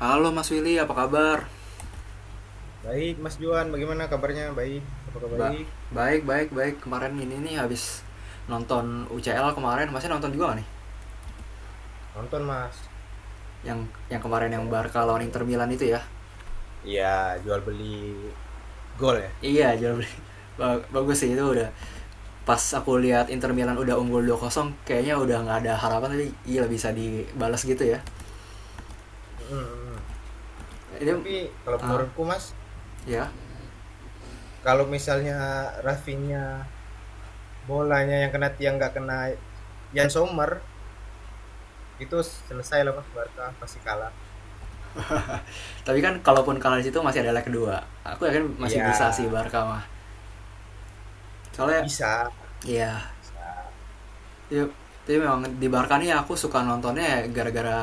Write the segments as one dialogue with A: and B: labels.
A: Halo Mas Willy, apa kabar?
B: Baik, Mas Juan, bagaimana kabarnya? Baik, apakah
A: Mbak,
B: baik?
A: baik, baik, baik. Kemarin ini nih habis nonton UCL kemarin, masnya nonton juga gak nih?
B: Nonton, Mas.
A: Yang
B: Nonton,
A: kemarin yang
B: saya
A: Barca
B: nonton
A: lawan Inter
B: malam.
A: Milan itu ya?
B: Iya, jual beli gol ya.
A: Iya, jauh bagus sih itu udah. Pas aku lihat Inter Milan udah unggul 2-0, kayaknya udah nggak ada harapan, tapi gila bisa dibalas gitu ya.
B: Mm, mm.
A: Ini
B: Tapi kalau
A: ah,
B: menurutku, Mas,
A: ya.
B: kalau misalnya Rafinha bolanya yang kena tiang nggak kena Yan Sommer, itu selesai lah Mas Barca pasti kalah.
A: Tapi kan kalaupun kalah di situ masih ada leg kedua. Aku yakin masih
B: Iya,
A: bisa sih Barca mah. Soalnya
B: bisa.
A: ya,
B: Bisa.
A: ya tapi memang di Barca nih aku suka nontonnya ya, gara-gara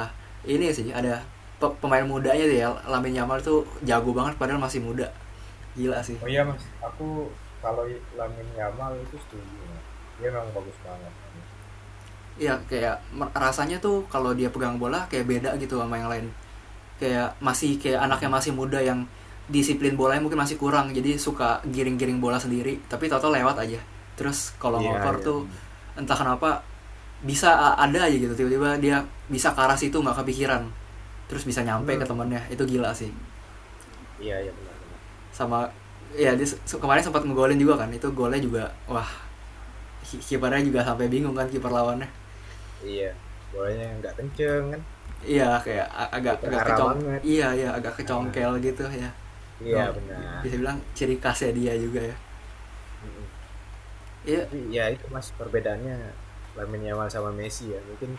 A: ini sih ada pemain mudanya sih ya. Lamine Yamal tuh jago banget padahal masih muda, gila sih.
B: Oh iya Mas, aku kalau Lamine Yamal itu setuju Mas. Dia memang bagus banget mainnya.
A: Iya, kayak rasanya tuh kalau dia pegang bola kayak beda gitu sama yang lain, kayak masih, kayak anaknya
B: Mm.
A: masih muda yang disiplin bolanya mungkin masih kurang, jadi suka giring-giring bola sendiri tapi toto lewat aja. Terus kalau
B: Iya,
A: ngoper
B: iya
A: tuh
B: benar.
A: entah kenapa bisa ada aja gitu, tiba-tiba dia bisa ke arah situ nggak kepikiran, terus bisa nyampe ke
B: Hmm,
A: temennya, itu gila sih.
B: iya iya benar.
A: Sama, ya dia kemarin sempat ngegolin juga kan, itu golnya juga, wah, kipernya juga sampai bingung kan, kiper lawannya.
B: Iya, bolanya nggak kenceng kan,
A: Iya kayak agak
B: jadi
A: agak
B: terarah
A: kecong.
B: banget.
A: Iya ya, agak
B: Nah,
A: kecongkel gitu ya.
B: iya
A: Memang bisa
B: benar,
A: bilang ciri khasnya dia juga ya.
B: mhm.
A: Iya.
B: Tapi ya itu Mas, perbedaannya Lamine Yamal sama Messi ya, mungkin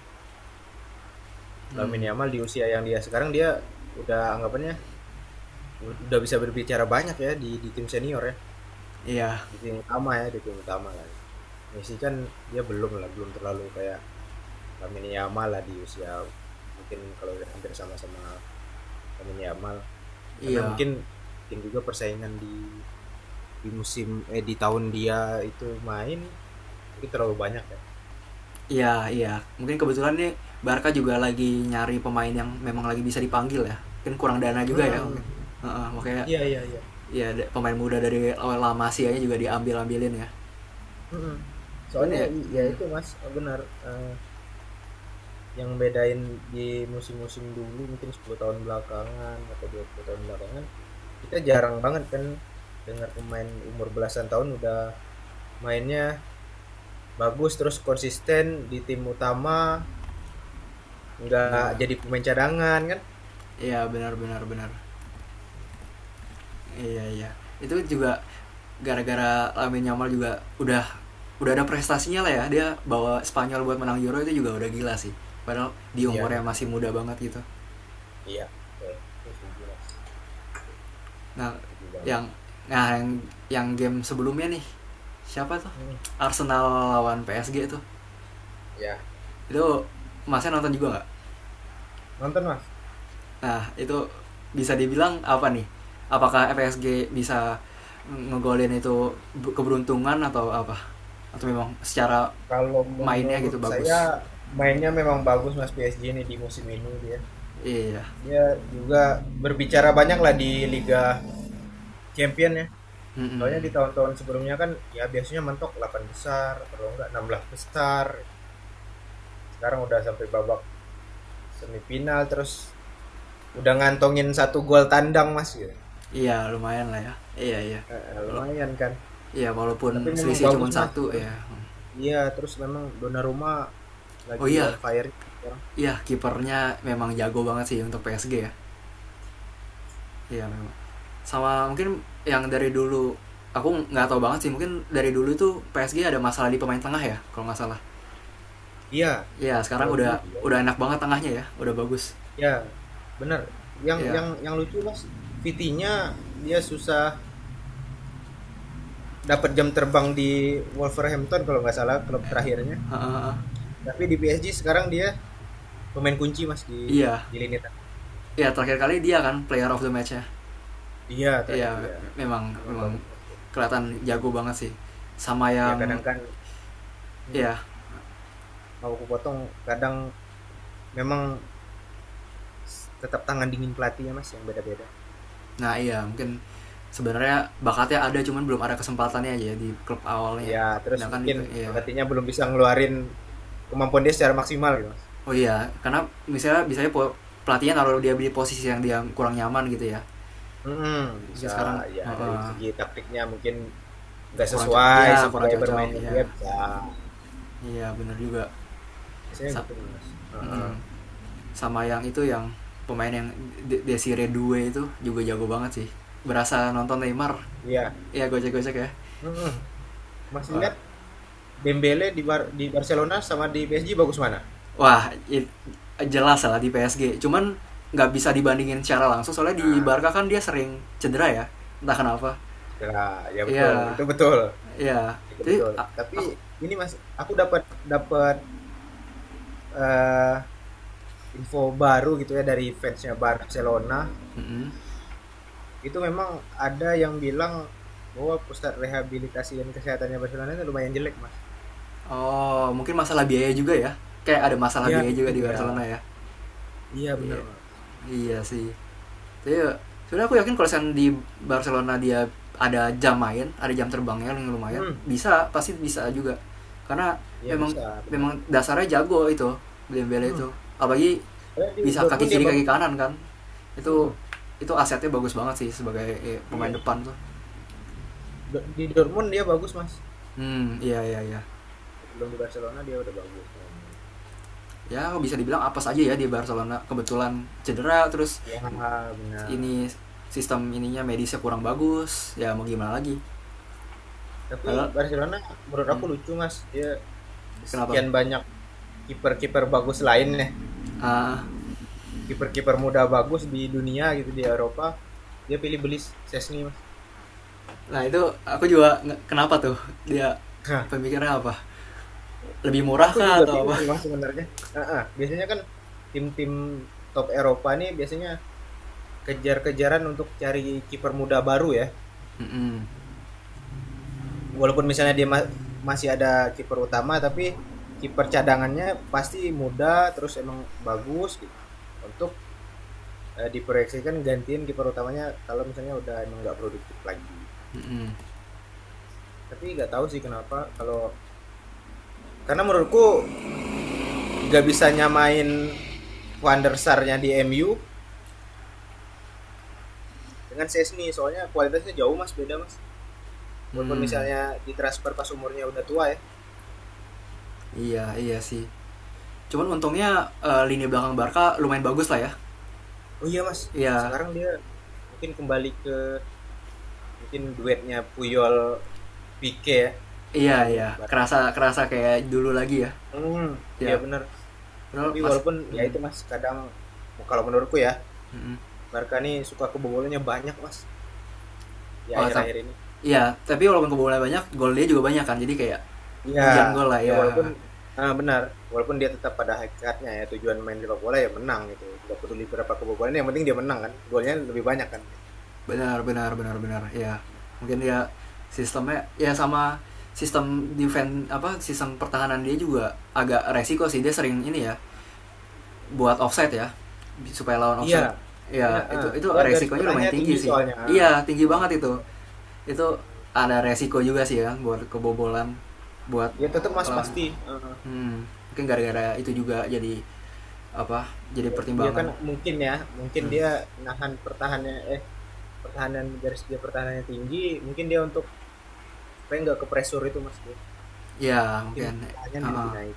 B: Lamine
A: Hmm,
B: Yamal di usia yang dia sekarang dia udah anggapannya udah bisa berbicara banyak ya di tim senior ya,
A: iya
B: di tim utama ya, di tim utama lah. Messi kan dia belum lah, belum terlalu kayak Lamine Yamal lah di usia mungkin kalau udah hampir sama-sama Lamine Yamal, karena
A: iya
B: mungkin mungkin juga persaingan di musim eh di tahun dia itu main mungkin terlalu banyak ya.
A: iya. Iya mungkin kebetulan nih, Barca juga lagi nyari pemain yang memang lagi bisa dipanggil ya, mungkin kurang dana juga ya
B: Mm-mm.
A: mungkin. Heeh, makanya
B: Iya iya iya.
A: ya pemain muda dari La Masia juga diambil ambilin ya.
B: Mm-mm.
A: Cuman
B: Soalnya
A: ya,
B: ya
A: hmm,
B: itu Mas benar, eh, yang bedain di musim-musim dulu mungkin 10 tahun belakangan atau 20 tahun belakangan kita jarang banget kan dengar pemain umur belasan tahun udah mainnya bagus terus konsisten di tim utama nggak
A: nah,
B: jadi pemain cadangan kan?
A: iya benar benar benar. Iya iya. Itu juga gara-gara Lamine Yamal juga udah ada prestasinya lah ya. Dia bawa Spanyol buat menang Euro itu juga udah gila sih. Padahal di
B: Iya
A: umurnya masih
B: benar.
A: muda banget gitu.
B: Iya betul. Itu setuju Mas.
A: Nah,
B: Setuju
A: yang
B: banget.
A: nah yang, yang game sebelumnya nih. Siapa tuh?
B: Hmm.
A: Arsenal lawan PSG itu.
B: Ya,
A: Itu Masnya nonton juga nggak?
B: nonton Mas.
A: Nah, itu bisa dibilang apa nih? Apakah PSG bisa ngegolin itu, keberuntungan atau apa? Atau memang secara
B: Kalau
A: mainnya gitu
B: menurut saya
A: bagus.
B: mainnya memang bagus Mas PSG ini di musim ini dia.
A: Iya.
B: Dia juga berbicara banyak lah di Liga Champion ya. Soalnya di
A: Mm-mm.
B: tahun-tahun sebelumnya kan ya biasanya mentok 8 besar, kalau enggak 16 besar. Sekarang udah sampai babak semifinal terus udah ngantongin satu gol tandang Mas gitu.
A: Iya lumayan lah ya, iya iya. Wala-
B: Lumayan kan.
A: iya
B: Tapi
A: walaupun
B: memang
A: selisih cuma
B: bagus Mas.
A: satu
B: Terus
A: ya.
B: iya, terus memang Donnarumma
A: Oh
B: lagi on
A: iya,
B: fire sekarang.
A: iya kipernya memang jago banget sih untuk PSG ya, iya memang. Sama mungkin, yang dari dulu aku nggak tahu banget sih, mungkin dari dulu tuh PSG ada masalah di pemain tengah ya kalau nggak salah.
B: Iya,
A: Iya sekarang
B: kalau dulu
A: udah
B: iya.
A: udah enak banget tengahnya ya, udah bagus.
B: Ya, benar. Yang
A: Iya.
B: yang yang lucu Mas, Vitinha dia susah dapat jam terbang di Wolverhampton kalau nggak salah klub terakhirnya.
A: Heeh, heeh.
B: Tapi di PSG sekarang dia pemain kunci Mas di
A: Iya
B: di lini tengah.
A: iya, terakhir kali dia kan player of the match.
B: Dia terakhir
A: Iya,
B: dia
A: memang
B: memang
A: memang
B: bagus Mas.
A: kelihatan jago banget sih. Sama
B: Ya
A: yang,
B: kadang kan hmm,
A: ya,
B: mau aku potong, kadang memang tetap tangan dingin pelatihnya Mas yang beda-beda.
A: nah iya mungkin sebenarnya bakatnya ada, cuman belum ada kesempatannya aja ya, di klub awalnya.
B: Ya, terus
A: Sedangkan di
B: mungkin
A: Iya.
B: pelatihnya belum bisa ngeluarin kemampuan dia secara maksimal gitu Mas.
A: Oh iya, karena misalnya bisa pelatihnya naruh dia di posisi yang dia kurang nyaman gitu ya.
B: Mhm,
A: Mungkin
B: bisa
A: sekarang
B: ya dari
A: heeh,
B: segi taktiknya mungkin nggak
A: kurang cocok.
B: sesuai
A: Iya,
B: sama
A: kurang
B: gaya
A: cocok.
B: bermainnya
A: Iya.
B: dia bisa
A: Iya, benar juga.
B: biasanya
A: Sa-
B: gitu mas. Heeh.
A: mm-mm. Sama yang itu, yang pemain yang Desire itu juga jago banget sih. Berasa nonton Neymar.
B: Iya.
A: Iya, gocek-gocek ya.
B: Mhm. Mas
A: Wah,
B: lihat Dembele di di Barcelona sama di PSG bagus mana.
A: wah, i- jelas lah di PSG. Cuman nggak bisa dibandingin secara langsung soalnya di
B: Nah,
A: Barca kan dia sering cedera ya. Entah kenapa.
B: cedera ya betul
A: Iya,
B: itu betul
A: iya.
B: itu
A: Jadi
B: betul tapi
A: aku.
B: ini mas aku dapat dapat eh, info baru gitu ya dari fansnya Barcelona
A: Mm-mm.
B: itu memang ada yang bilang bahwa pusat rehabilitasi dan kesehatannya Barcelona itu lumayan jelek mas.
A: Oh, mungkin masalah biaya juga ya. Kayak ada masalah
B: Iya
A: biaya juga
B: mungkin
A: di
B: ya.
A: Barcelona ya.
B: Iya benar
A: Iya,
B: Mas, gitu.
A: iya sih. Tapi sebenarnya aku yakin kalau misalnya di Barcelona dia ada jam main, ada jam terbangnya yang lumayan,
B: Mhm,
A: bisa, pasti bisa juga. Karena
B: iya
A: memang
B: bisa, benar.
A: memang
B: Bener.
A: dasarnya jago itu Dembele itu,
B: Mhm,
A: apalagi
B: soalnya di
A: bisa kaki
B: Dortmund dia
A: kiri kaki
B: bagus, Mas.
A: kanan kan. itu
B: Mhm,
A: itu asetnya bagus banget sih sebagai, pemain
B: iya.
A: depan tuh.
B: Di Dortmund dia bagus, Mas.
A: Hmm iya iya iya.
B: Sebelum di Barcelona dia udah bagus kalau mainnya.
A: Ya bisa dibilang apa saja ya, di Barcelona kebetulan cedera terus,
B: Iya benar,
A: ini sistem ininya medisnya kurang bagus ya, mau gimana lagi.
B: mhm. Tapi
A: Padahal,
B: Barcelona menurut
A: hmm,
B: aku lucu, Mas, dia
A: kenapa,
B: sekian banyak kiper-kiper bagus lainnya,
A: ah
B: kiper-kiper muda bagus di dunia gitu, di Eropa, dia pilih beli Szczęsny, Mas.
A: nah itu aku juga, kenapa tuh dia
B: Nah,
A: pemikirannya apa, lebih murah
B: aku
A: kah
B: juga
A: atau
B: bingung
A: apa.
B: sih, Mas, sebenarnya. Ah, ah. Biasanya kan tim-tim top Eropa nih biasanya kejar-kejaran untuk cari kiper muda baru ya.
A: Hmm hmm.
B: Walaupun misalnya dia masih ada kiper utama tapi kiper cadangannya pasti muda terus emang bagus gitu. Untuk diproyeksikan gantiin kiper utamanya kalau misalnya udah emang nggak produktif lagi. Tapi nggak tahu sih kenapa kalau karena menurutku nggak bisa nyamain Van der Sar-nya di MU dengan Sesni soalnya kualitasnya jauh Mas beda Mas. Walaupun
A: Hmm,
B: misalnya ditransfer pas umurnya udah tua ya.
A: iya iya sih. Cuman untungnya, lini belakang Barca lumayan bagus lah ya.
B: Oh iya Mas,
A: Iya.
B: sekarang dia mungkin kembali ke mungkin duetnya Puyol Pique ya
A: Iya
B: dulu
A: iya,
B: bareng.
A: kerasa kerasa kayak dulu lagi ya.
B: Hmm,
A: Ya,
B: iya bener.
A: padahal
B: Tapi
A: Mas.
B: walaupun ya
A: Hmm,
B: itu Mas, kadang kalau menurutku ya
A: hmm.
B: Barca nih suka kebobolannya banyak Mas di
A: Oh, tapi
B: akhir-akhir ini.
A: iya, tapi walaupun kebobolan banyak, gol dia juga banyak kan. Jadi kayak
B: Iya,
A: hujan gol lah
B: ya
A: ya.
B: walaupun benar, walaupun dia tetap pada hakikatnya ya tujuan main sepak bola ya menang gitu. Nggak peduli berapa kebobolan, yang penting dia menang kan. Golnya lebih banyak kan gitu.
A: Benar benar benar benar. Ya. Mungkin dia sistemnya ya, sama sistem defense apa sistem pertahanan dia juga agak resiko sih, dia sering ini ya buat offset ya, supaya lawan
B: Iya,
A: offset
B: dia
A: ya. itu
B: ah,
A: itu
B: dia garis
A: resikonya lumayan
B: pertanyaan
A: tinggi
B: tinggi
A: sih.
B: soalnya. Ah,
A: Iya tinggi
B: ah,
A: banget itu
B: benar.
A: itu
B: Hmm.
A: ada resiko juga sih ya, buat kebobolan, buat
B: Ya tetap Mas
A: lawan.
B: pasti. Eh,
A: Hmm, mungkin gara-gara itu juga jadi apa, jadi
B: dia, dia
A: pertimbangan.
B: kan mungkin ya, mungkin
A: Hmm.
B: dia nahan pertahanan garis dia pertahanannya tinggi, mungkin dia untuk supaya nggak ke pressure itu Mas dia.
A: Ya
B: Mungkin
A: mungkin.
B: pertahanan dia lebih
A: Heeh.
B: naik.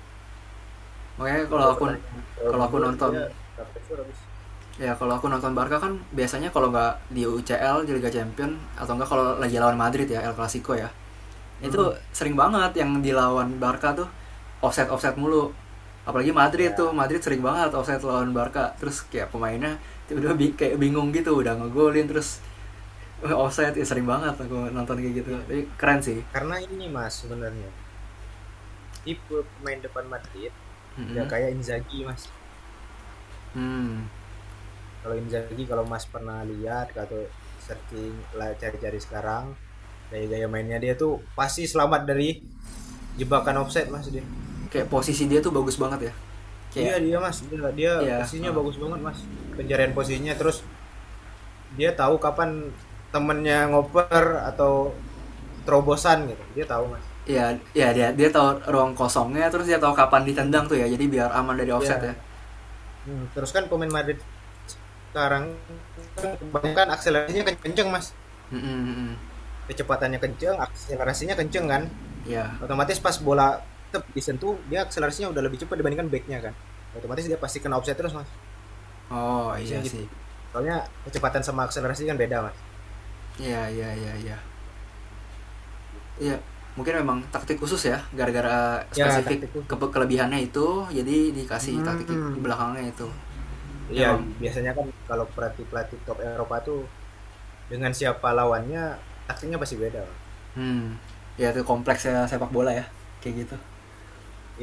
A: Makanya
B: Kalau dia pertahanan terlalu
A: kalau aku
B: mundur,
A: nonton
B: dia ke pressure habis.
A: kalau aku nonton Barca kan, biasanya kalau nggak di UCL di Liga Champions, atau enggak kalau lagi lawan Madrid ya El Clasico ya. Itu
B: Hmm,
A: sering banget yang dilawan Barca tuh offset offset mulu. Apalagi Madrid tuh,
B: ya,
A: Madrid sering banget offset lawan Barca terus, kayak pemainnya udah kayak bingung gitu, udah ngegolin terus, "Eh, offset ya." Sering banget aku nonton kayak gitu
B: iya.
A: tapi keren sih.
B: Karena ini Mas sebenarnya tipe pemain depan Madrid nggak
A: Mm-mm.
B: kayak Inzaghi Mas.
A: hmm
B: Kalau Inzaghi kalau Mas pernah lihat atau searching lah cari-cari sekarang gaya-gaya mainnya dia tuh pasti selamat dari jebakan offset mas dia.
A: Kayak posisi dia tuh bagus banget ya,
B: Iya
A: kayak.
B: dia mas dia
A: Ya,
B: posisinya
A: eh,
B: bagus banget mas pencarian posisinya terus dia tahu kapan temennya ngoper atau terobosan gitu dia tahu mas.
A: ya ya dia dia tahu ruang kosongnya, terus dia tahu kapan
B: Hmm.
A: ditendang tuh ya, jadi biar aman dari
B: Ya.
A: offset ya.
B: Hmm. Terus kan pemain Madrid sekarang kan kebanyakan akselerasinya kenceng mas
A: Mm-mm,
B: kecepatannya kenceng akselerasinya kenceng kan
A: ya.
B: otomatis pas bola tetap disentuh dia akselerasinya udah lebih cepat dibandingkan backnya kan otomatis dia pasti kena offset terus mas
A: Oh
B: biasanya
A: iya
B: gitu
A: sih,
B: soalnya kecepatan sama akselerasi kan beda mas.
A: ya ya ya ya.
B: Gitu.
A: Iya, mungkin memang taktik khusus ya, gara-gara
B: Ya,
A: spesifik
B: taktik
A: ke
B: khusus.
A: kelebihannya itu, jadi dikasih taktik
B: Hmm.
A: belakangnya itu.
B: Iya,
A: Memang,
B: biasanya kan kalau pelatih-pelatih top Eropa tuh dengan siapa lawannya taktiknya pasti beda. Bang.
A: hmm, ya itu kompleksnya sepak bola ya, kayak gitu.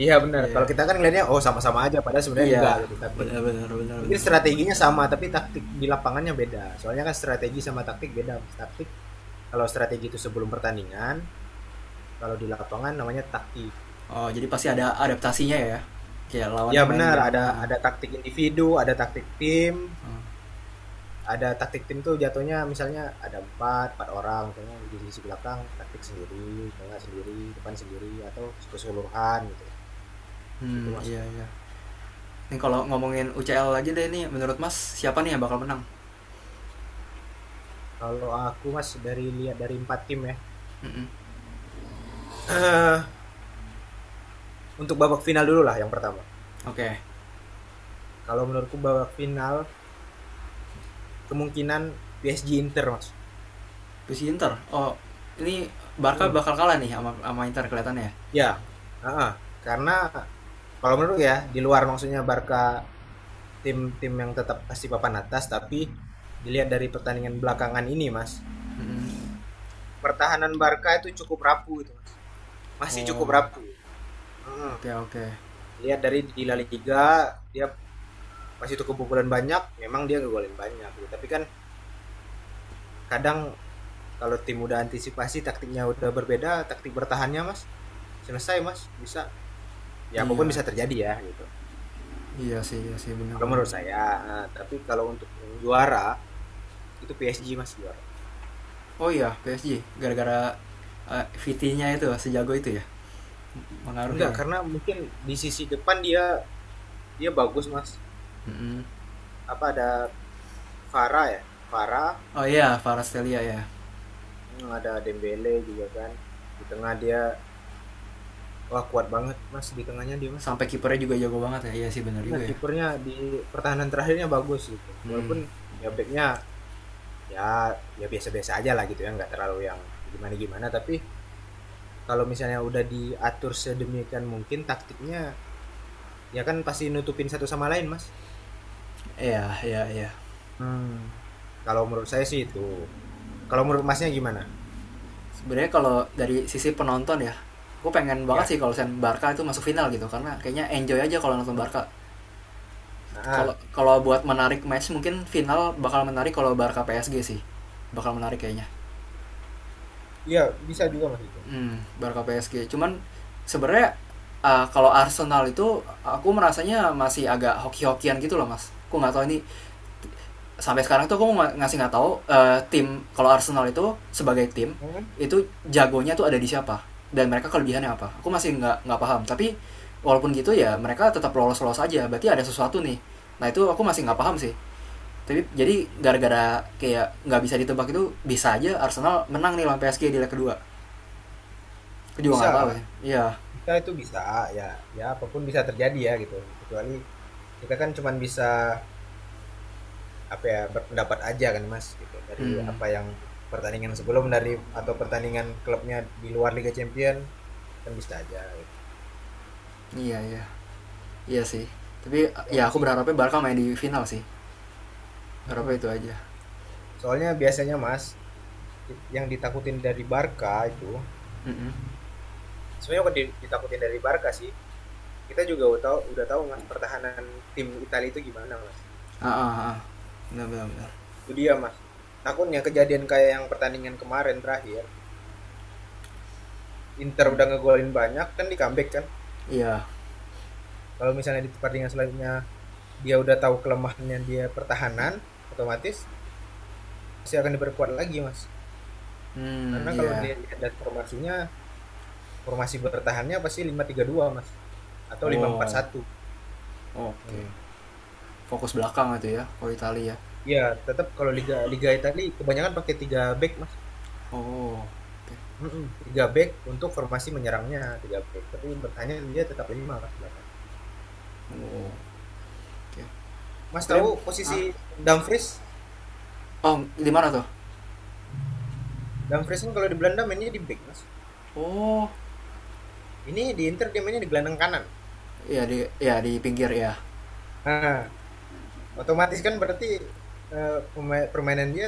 B: Iya benar. Kalau
A: Iya,
B: kita kan ngelihatnya oh sama-sama aja padahal sebenarnya enggak
A: iya,
B: gitu taktik.
A: benar benar benar
B: Mungkin
A: benar.
B: strateginya sama tapi taktik di lapangannya beda. Soalnya kan strategi sama taktik beda, Mas. Taktik kalau strategi itu sebelum pertandingan, kalau di lapangan namanya taktik.
A: Oh, jadi pasti ada adaptasinya ya, kayak lawannya
B: Iya
A: mainnya
B: benar, ada
A: gimana.
B: ada taktik individu, ada taktik tim tuh jatuhnya misalnya ada empat empat orang misalnya di sisi belakang taktik sendiri tengah sendiri depan sendiri atau keseluruhan gitu gitu
A: Hmm,
B: mas.
A: iya iya. Ini kalau ngomongin UCL aja deh nih, menurut Mas siapa nih yang bakal menang?
B: Kalau aku mas dari lihat dari empat tim ya,
A: Mm-mm.
B: uh, untuk babak final dulu lah yang pertama
A: Oke.
B: kalau menurutku babak final kemungkinan PSG Inter mas.
A: Puisi Inter. Oh, ini Barca
B: Hmm.
A: bakal kalah nih, sama sama Inter kelihatannya ya?
B: Ya. Heeh. Karena kalau menurut ya di luar maksudnya Barca tim tim yang tetap pasti papan atas tapi dilihat dari pertandingan belakangan ini mas
A: Mm-mm.
B: pertahanan Barca itu cukup rapuh itu mas masih cukup
A: Oh,
B: rapuh. Hmm.
A: oke oke.
B: Lihat dari di La Liga dia masih itu kebobolan banyak memang dia ngegolin banyak gitu. Tapi kan kadang kalau tim udah antisipasi taktiknya udah berbeda taktik bertahannya mas selesai mas bisa ya apapun
A: Iya
B: bisa terjadi ya gitu
A: iya sih, iya sih,
B: kalau
A: benar-benar.
B: menurut saya nah, tapi kalau untuk yang juara itu PSG mas juara
A: Oh iya PSG, gara-gara, VT-nya itu sejago itu ya
B: enggak
A: pengaruhnya
B: karena
A: ya?
B: mungkin di sisi depan dia dia bagus mas
A: Mm-mm.
B: apa ada Vara ya Vara.
A: Oh iya Kvaratskhelia ya.
B: Hmm, ada Dembele juga kan. Di tengah dia, wah kuat banget mas. Di tengahnya dia mas.
A: Sampai kipernya juga jago banget ya. Iya sih benar
B: Ya,
A: juga ya.
B: kipernya di pertahanan terakhirnya bagus gitu.
A: Hmm.
B: Walaupun ya backnya ya ya biasa-biasa aja lah gitu ya. Nggak terlalu yang gimana-gimana. Tapi kalau misalnya udah diatur sedemikian mungkin taktiknya ya kan pasti nutupin satu sama lain mas.
A: Iya iya iya.
B: Hmm. Kalau menurut saya sih itu. Kalau menurut masnya gimana?
A: Sebenarnya kalau dari sisi penonton ya, gue pengen banget sih
B: Ya.
A: kalau Barca itu masuk final gitu, karena kayaknya enjoy aja kalau nonton
B: Hmm.
A: Barca.
B: Ah,
A: Kalau
B: ah.
A: kalau buat menarik match, mungkin final bakal menarik kalau Barca PSG sih. Bakal menarik kayaknya.
B: Iya bisa juga mas itu.
A: Hmm, Barca PSG. Cuman sebenarnya, kalau Arsenal itu aku merasanya masih agak hoki-hokian gitu loh mas. Aku nggak tahu ini, sampai sekarang tuh aku ngasih nggak tahu, tim kalau Arsenal itu sebagai tim
B: Hmm.
A: itu jagonya tuh ada di siapa dan mereka kelebihannya apa. Aku masih nggak paham. Tapi walaupun gitu ya mereka tetap lolos-lolos aja. Berarti ada sesuatu nih. Nah itu aku masih nggak paham
B: Ya
A: sih. Tapi jadi gara-gara kayak nggak bisa ditebak itu, bisa aja Arsenal menang nih lawan PSG di leg kedua. Aku juga
B: bisa.
A: nggak tahu sih. Iya.
B: Kita itu bisa ya ya apapun bisa terjadi ya gitu kecuali kita kan cuman bisa apa ya berpendapat aja kan Mas gitu dari
A: Hmm,
B: apa yang pertandingan sebelum dari atau pertandingan klubnya di luar Liga Champion kan bisa aja gitu.
A: iya iya iya sih. Tapi
B: Kalau aku
A: ya aku
B: sih
A: berharapnya Barca main di final sih. Harapnya
B: mm-mm.
A: itu aja.
B: Soalnya biasanya Mas yang ditakutin dari Barca itu
A: Mm-mm.
B: sebenarnya bukan ditakutin dari Barca sih kita juga udah tahu Mas pertahanan tim Italia itu gimana Mas
A: Ah ah ah. Benar benar benar.
B: itu dia Mas takutnya kejadian kayak yang pertandingan kemarin terakhir Inter
A: Hmm,
B: udah ngegolin banyak kan di comeback kan.
A: iya.
B: Kalau misalnya di pertandingan selanjutnya dia udah tahu kelemahannya dia pertahanan, otomatis pasti akan diperkuat lagi, Mas.
A: Hmm,
B: Karena kalau
A: iya.
B: dilihat dari formasinya, formasi bertahannya pasti 5-3-2 Mas. Atau lima empat
A: Oh,
B: satu.
A: oke.
B: Hmm.
A: Fokus belakang itu ya, kalau Italia.
B: Iya, tetap kalau liga liga Italia kebanyakan pakai 3 back, Mas.
A: Oh, oke.
B: Mm-mm, tiga back untuk formasi menyerangnya tiga back tapi bertanya dia tetap lima mas belakang
A: Oh, oke.
B: mas
A: Oke deh.
B: tahu posisi
A: Ah,
B: Dumfries.
A: oh di mana tuh?
B: Dumfries kan kalau di Belanda mainnya di back mas
A: Oh,
B: ini di Inter dia mainnya di gelandang kanan.
A: iya di, ya, di pinggir ya.
B: Nah, otomatis kan berarti eh, permainan dia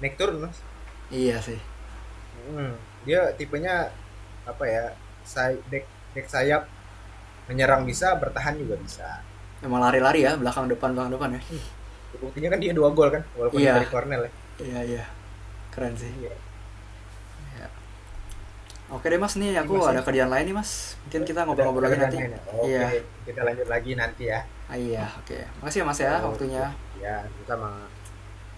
B: naik turun, Mas.
A: Iya sih.
B: Hmm, dia tipenya apa ya? Back, back sayap menyerang bisa, bertahan juga bisa.
A: Emang lari-lari ya, belakang depan ya.
B: Hmm. Ya, buktinya kan dia dua gol kan, walaupun
A: Iya,
B: dari Cornell ya.
A: iya iya. Keren sih.
B: Jadi ya,
A: Oke deh mas, nih
B: ini
A: aku
B: Masnya
A: ada kerjaan lain nih mas. Mungkin kita
B: ada
A: ngobrol-ngobrol lagi
B: kerjaan
A: nanti.
B: lain ya. Oke,
A: Iya,
B: kita lanjut lagi nanti ya.
A: iya, oke. Makasih ya mas ya
B: Oke,
A: waktunya.
B: ya sama.